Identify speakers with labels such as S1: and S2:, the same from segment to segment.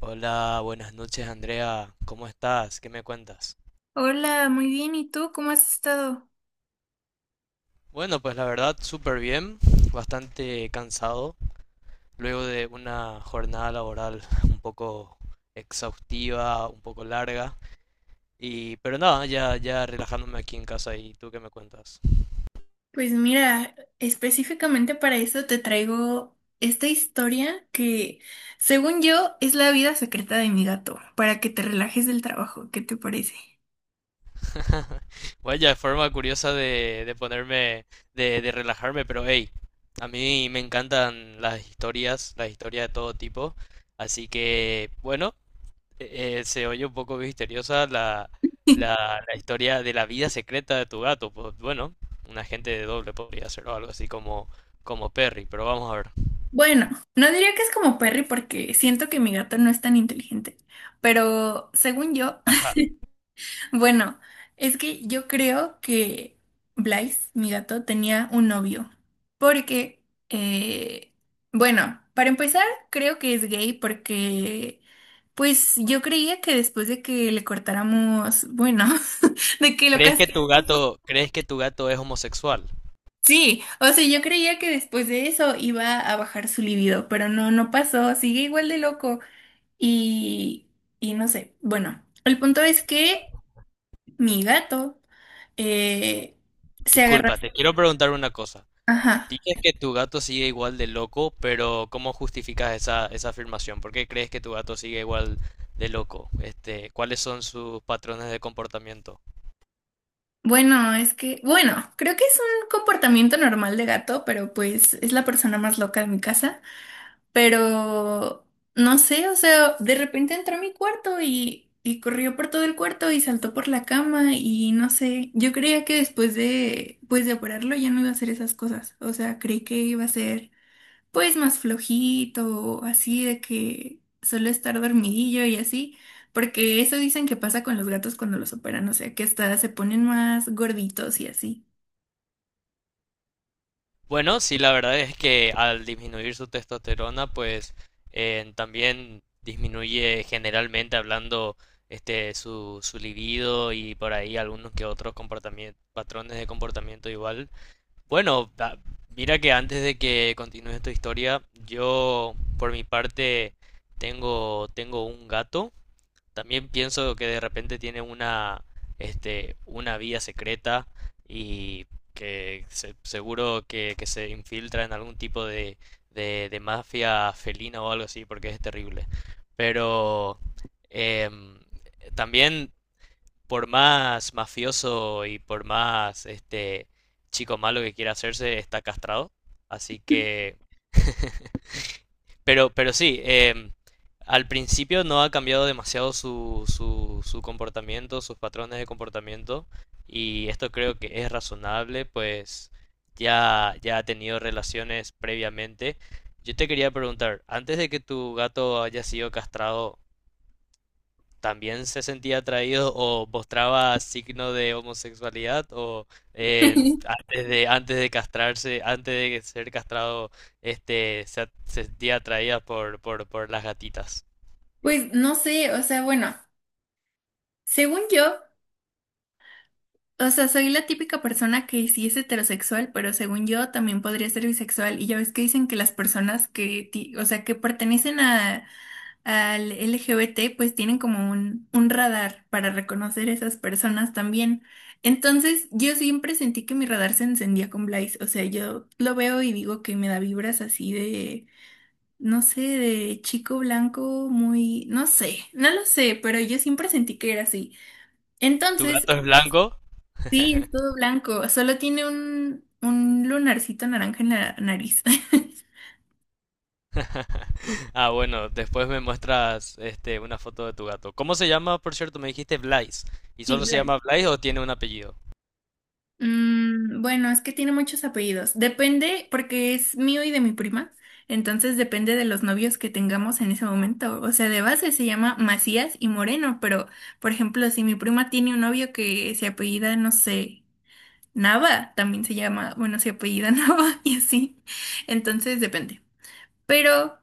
S1: Hola, buenas noches Andrea, ¿cómo estás? ¿Qué me cuentas?
S2: Hola, muy bien. ¿Y tú cómo has estado?
S1: Bueno, pues la verdad, súper bien, bastante cansado, luego de una jornada laboral un poco exhaustiva, un poco larga, y pero nada, ya relajándome aquí en casa y tú qué me cuentas.
S2: Pues mira, específicamente para eso te traigo esta historia que, según yo, es la vida secreta de mi gato, para que te relajes del trabajo. ¿Qué te parece?
S1: Vaya forma curiosa de ponerme, de relajarme, pero hey, a mí me encantan las historias de todo tipo, así que bueno. Se oye un poco misteriosa la, la, la historia de la vida secreta de tu gato. Pues bueno, un agente de doble podría ser o algo así como, como Perry, pero vamos a ver.
S2: Bueno, no diría que es como Perry porque siento que mi gato no es tan inteligente, pero según yo.
S1: Ajá.
S2: Bueno, es que yo creo que Blaise, mi gato, tenía un novio. Porque, eh, bueno, para empezar, creo que es gay porque, pues yo creía que después de que le cortáramos, bueno, de que lo
S1: ¿Crees que tu
S2: castráramos,
S1: gato, crees que tu gato es homosexual?
S2: sí, o sea, yo creía que después de eso iba a bajar su libido, pero no, no pasó, sigue igual de loco. Y, y no sé, bueno, el punto es que... Mi gato, eh, se agarró.
S1: Disculpa, te quiero preguntar una cosa.
S2: Ajá.
S1: Dices que tu gato sigue igual de loco, pero ¿cómo justificas esa, esa afirmación? ¿Por qué crees que tu gato sigue igual de loco? Este, ¿cuáles son sus patrones de comportamiento?
S2: Bueno, es que, bueno, creo que es un comportamiento normal de gato, pero pues es la persona más loca de mi casa. Pero no sé, o sea, de repente entró a mi cuarto y corrió por todo el cuarto y saltó por la cama y no sé, yo creía que después de, pues de operarlo ya no iba a hacer esas cosas. O sea, creí que iba a ser pues más flojito, así de que solo estar dormidillo y así, porque eso dicen que pasa con los gatos cuando los operan, o sea, que hasta se ponen más gorditos y así.
S1: Bueno, sí, la verdad es que al disminuir su testosterona, pues también disminuye generalmente hablando este su, su libido y por ahí algunos que otros comportamientos, patrones de comportamiento igual. Bueno, mira que antes de que continúe esta historia, yo por mi parte tengo un gato también pienso que de repente tiene una, este, una vía secreta y seguro que se infiltra en algún tipo de mafia felina o algo así, porque es terrible. Pero em, también, por más mafioso y por más este chico malo que quiera hacerse, está castrado. Así que pero sí, al principio no ha cambiado demasiado su comportamiento, sus patrones de comportamiento, y esto creo que es razonable, pues ya ha tenido relaciones previamente. Yo te quería preguntar, antes de que tu gato haya sido castrado, también se sentía atraído o mostraba signo de homosexualidad o antes de castrarse, antes de ser castrado, este se sentía atraída por las gatitas.
S2: Pues no sé, o sea, bueno, según yo, o sea, soy la típica persona que sí es heterosexual, pero según yo también podría ser bisexual. Y ya ves que dicen que las personas que, o sea, que pertenecen a al LGBT, pues tienen como un radar para reconocer esas personas también. Entonces, yo siempre sentí que mi radar se encendía con Blaze. O sea, yo lo veo y digo que me da vibras así de, no sé, de chico blanco muy, no sé, no lo sé, pero yo siempre sentí que era así.
S1: ¿Tu
S2: Entonces,
S1: gato es blanco?
S2: sí, es todo blanco, solo tiene un lunarcito naranja en la nariz.
S1: Ah, bueno, después me muestras este una foto de tu gato. ¿Cómo se llama, por cierto? Me dijiste Blaise. ¿Y
S2: Sí.
S1: solo se llama Blaise o tiene un apellido?
S2: Mm, bueno, es que tiene muchos apellidos. Depende, porque es mío y de mi prima. Entonces depende de los novios que tengamos en ese momento. O sea, de base se llama Macías y Moreno, pero por ejemplo, si mi prima tiene un novio que se apellida, no sé, Nava, también se llama, bueno, se apellida Nava y así. Entonces depende. Pero,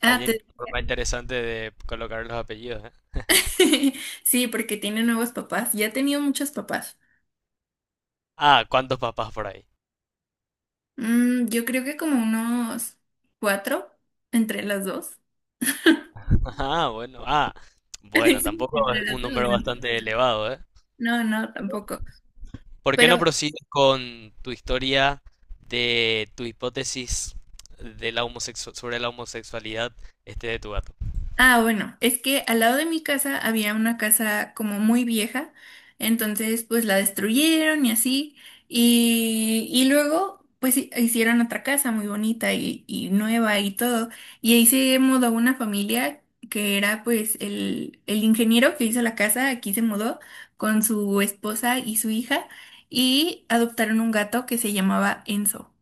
S2: ah,
S1: Vaya
S2: te-
S1: forma interesante de colocar los apellidos, ¿eh?
S2: sí, porque tiene nuevos papás. Ya ha tenido muchos papás.
S1: Ah, ¿cuántos papás por ahí?
S2: Mm, yo creo que como unos cuatro entre las dos.
S1: Ah, bueno. Ah, bueno,
S2: Sí,
S1: tampoco
S2: entre
S1: es
S2: las
S1: un
S2: dos.
S1: número bastante elevado, ¿eh?
S2: No, no, tampoco.
S1: ¿Por qué
S2: Pero,
S1: no prosigues con tu historia de tu hipótesis de la sobre la homosexualidad este de tu gato?
S2: ah, bueno, es que al lado de mi casa había una casa como muy vieja, entonces pues la destruyeron y así, y luego pues hicieron otra casa muy bonita y nueva y todo, y ahí se mudó una familia que era pues el ingeniero que hizo la casa, aquí se mudó con su esposa y su hija, y adoptaron un gato que se llamaba Enzo.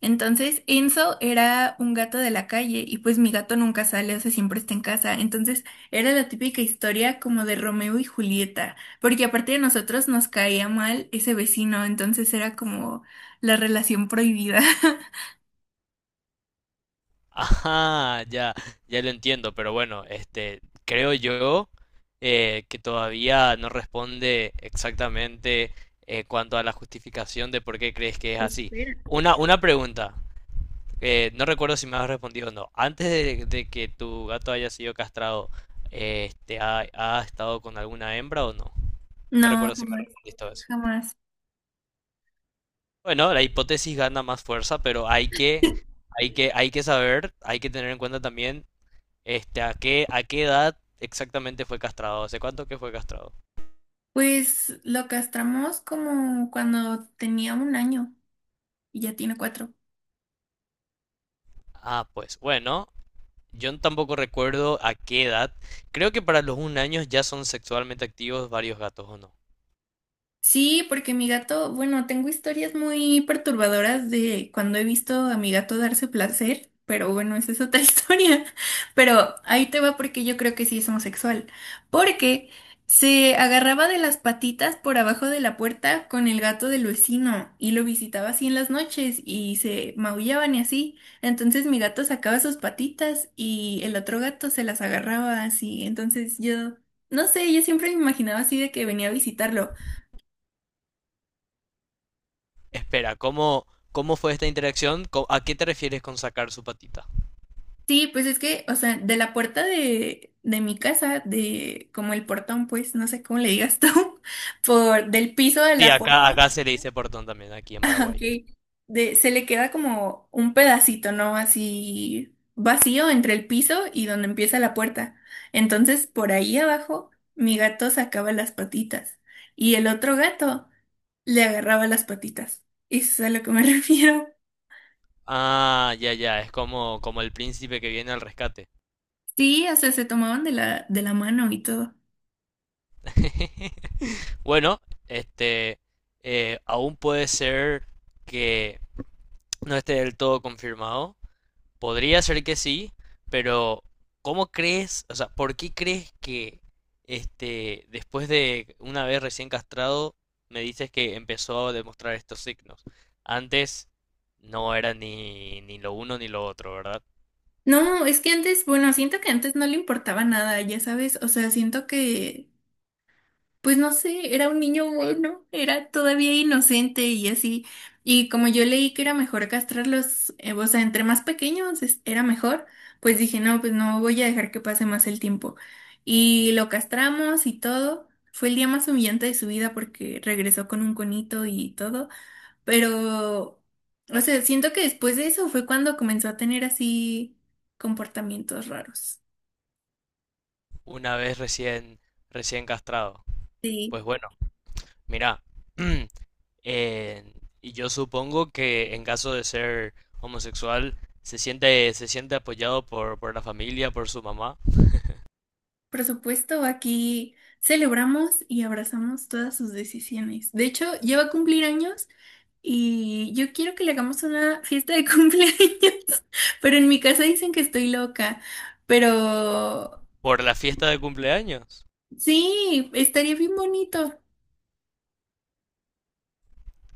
S2: Entonces, Enzo era un gato de la calle y pues mi gato nunca sale, o sea, siempre está en casa. Entonces, era la típica historia como de Romeo y Julieta, porque aparte de nosotros nos caía mal ese vecino, entonces era como la relación prohibida.
S1: Ajá, ya lo entiendo, pero bueno, este, creo yo que todavía no responde exactamente cuanto a la justificación de por qué crees que es así.
S2: Espera.
S1: Una pregunta. No recuerdo si me has respondido o no. Antes de que tu gato haya sido castrado, este, ha, ha estado con alguna hembra o no? No
S2: No,
S1: recuerdo si me
S2: jamás,
S1: respondiste a eso.
S2: jamás.
S1: Bueno, la hipótesis gana más fuerza, pero hay que saber, hay que tener en cuenta también, este, a qué edad exactamente fue castrado. ¿Hace cuánto que fue castrado?
S2: Pues lo castramos como cuando tenía 1 año y ya tiene 4.
S1: Ah, pues bueno, yo tampoco recuerdo a qué edad. Creo que para los un año ya son sexualmente activos varios gatos, ¿o no?
S2: Sí, porque mi gato, bueno, tengo historias muy perturbadoras de cuando he visto a mi gato darse placer, pero bueno, esa es otra historia. Pero ahí te va porque yo creo que sí es homosexual. Porque se agarraba de las patitas por abajo de la puerta con el gato del vecino y lo visitaba así en las noches y se maullaban y así. Entonces mi gato sacaba sus patitas y el otro gato se las agarraba así. Entonces yo... No sé, yo siempre me imaginaba así de que venía a visitarlo.
S1: Espera, ¿cómo fue esta interacción? ¿A qué te refieres con sacar su patita?
S2: Sí, pues es que, o sea, de la puerta de mi casa, de como el portón, pues, no sé cómo le digas tú, por del piso de
S1: Sí,
S2: la puerta,
S1: acá se le dice portón también, aquí en Paraguay.
S2: ok, de, se le queda como un pedacito, ¿no? Así vacío entre el piso y donde empieza la puerta. Entonces, por ahí abajo, mi gato sacaba las patitas y el otro gato le agarraba las patitas. Eso es a lo que me refiero.
S1: Ah, ya, ya, es como, como el príncipe que viene al rescate.
S2: Sí, o sea, se tomaban de la mano y todo.
S1: Bueno, este, aún puede ser que no esté del todo confirmado. Podría ser que sí, pero ¿cómo crees? O sea, ¿por qué crees que este, después de una vez recién castrado, me dices que empezó a demostrar estos signos? Antes no era ni, ni lo uno ni lo otro, ¿verdad?
S2: No, es que antes, bueno, siento que antes no le importaba nada, ya sabes, o sea, siento que, pues no sé, era un niño bueno, era todavía inocente y así, y como yo leí que era mejor castrarlos, o sea, entre más pequeños era mejor, pues dije, no, pues no voy a dejar que pase más el tiempo. Y lo castramos y todo, fue el día más humillante de su vida porque regresó con un conito y todo. Pero, o sea, siento que después de eso fue cuando comenzó a tener así comportamientos raros.
S1: Una vez recién castrado.
S2: Sí.
S1: Pues bueno, mira, eh, y yo supongo que en caso de ser homosexual, se siente apoyado por la familia, por su mamá.
S2: Por supuesto, aquí celebramos y abrazamos todas sus decisiones. De hecho, ya va a cumplir años y yo quiero que le hagamos una fiesta de cumpleaños, pero en mi casa dicen que estoy loca. Pero
S1: ¿Por la fiesta de cumpleaños?
S2: sí, estaría bien bonito.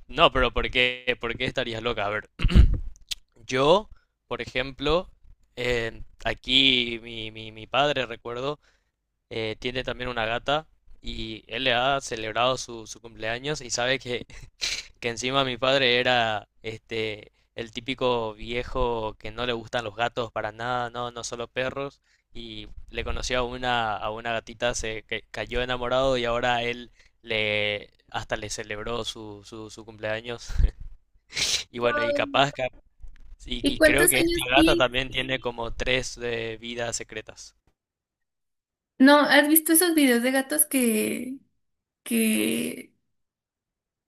S1: No, pero ¿por qué estarías loca? A ver, yo, por ejemplo, aquí mi padre, recuerdo, tiene también una gata y él le ha celebrado su, su cumpleaños y sabe que encima mi padre era este el típico viejo que no le gustan los gatos para nada, no, no solo perros, y le conoció a una gatita, se que cayó enamorado y ahora él le hasta le celebró su cumpleaños. Y bueno, y capaz,
S2: ¿Y
S1: y creo
S2: cuántos
S1: que esta
S2: años
S1: gata
S2: tiene?
S1: también tiene como tres vidas secretas.
S2: No, ¿has visto esos videos de gatos que,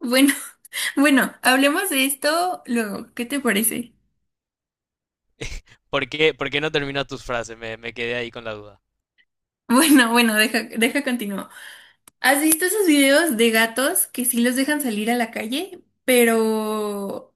S2: bueno, bueno, hablemos de esto luego. ¿Qué te parece?
S1: Por qué no termina tus frases? Me quedé ahí con la duda.
S2: Bueno, bueno, deja continuo. ¿Has visto esos videos de gatos que sí los dejan salir a la calle, pero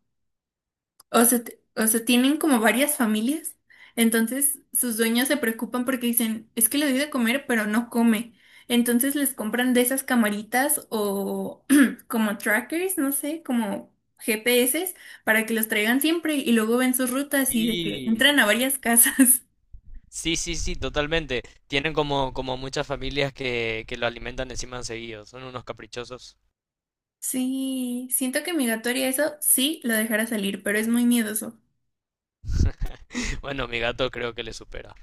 S2: o sea, o sea, tienen como varias familias, entonces sus dueños se preocupan porque dicen, es que le doy de comer, pero no come. Entonces les compran de esas camaritas o como trackers, no sé, como GPS para que los traigan siempre y luego ven sus rutas y de que
S1: Sí,
S2: entran a varias casas.
S1: sí, sí, sí, totalmente. Tienen como, como muchas familias que lo alimentan encima seguido. Son unos caprichosos.
S2: Sí, siento que mi gato haría eso, sí, lo dejara salir, pero es muy miedoso.
S1: Bueno, mi gato creo que le supera.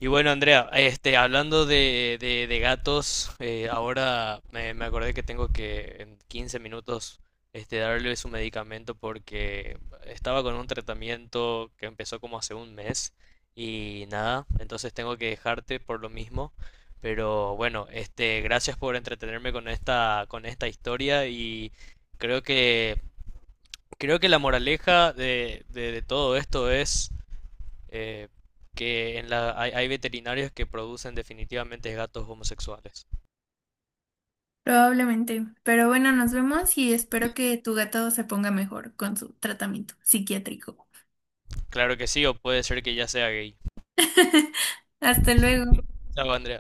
S1: Y bueno, Andrea, este, hablando de gatos, ahora me, me acordé que tengo que en 15 minutos este, darle su medicamento porque estaba con un tratamiento que empezó como hace un mes y nada, entonces tengo que dejarte por lo mismo. Pero bueno, este, gracias por entretenerme con esta historia y creo que, creo que la moraleja de todo esto es eh, que en la, hay veterinarios que producen definitivamente gatos homosexuales.
S2: Probablemente. Pero bueno, nos vemos y espero que tu gato se ponga mejor con su tratamiento psiquiátrico.
S1: Claro que sí, o puede ser que ya sea gay.
S2: Hasta luego.
S1: Chao, Andrea.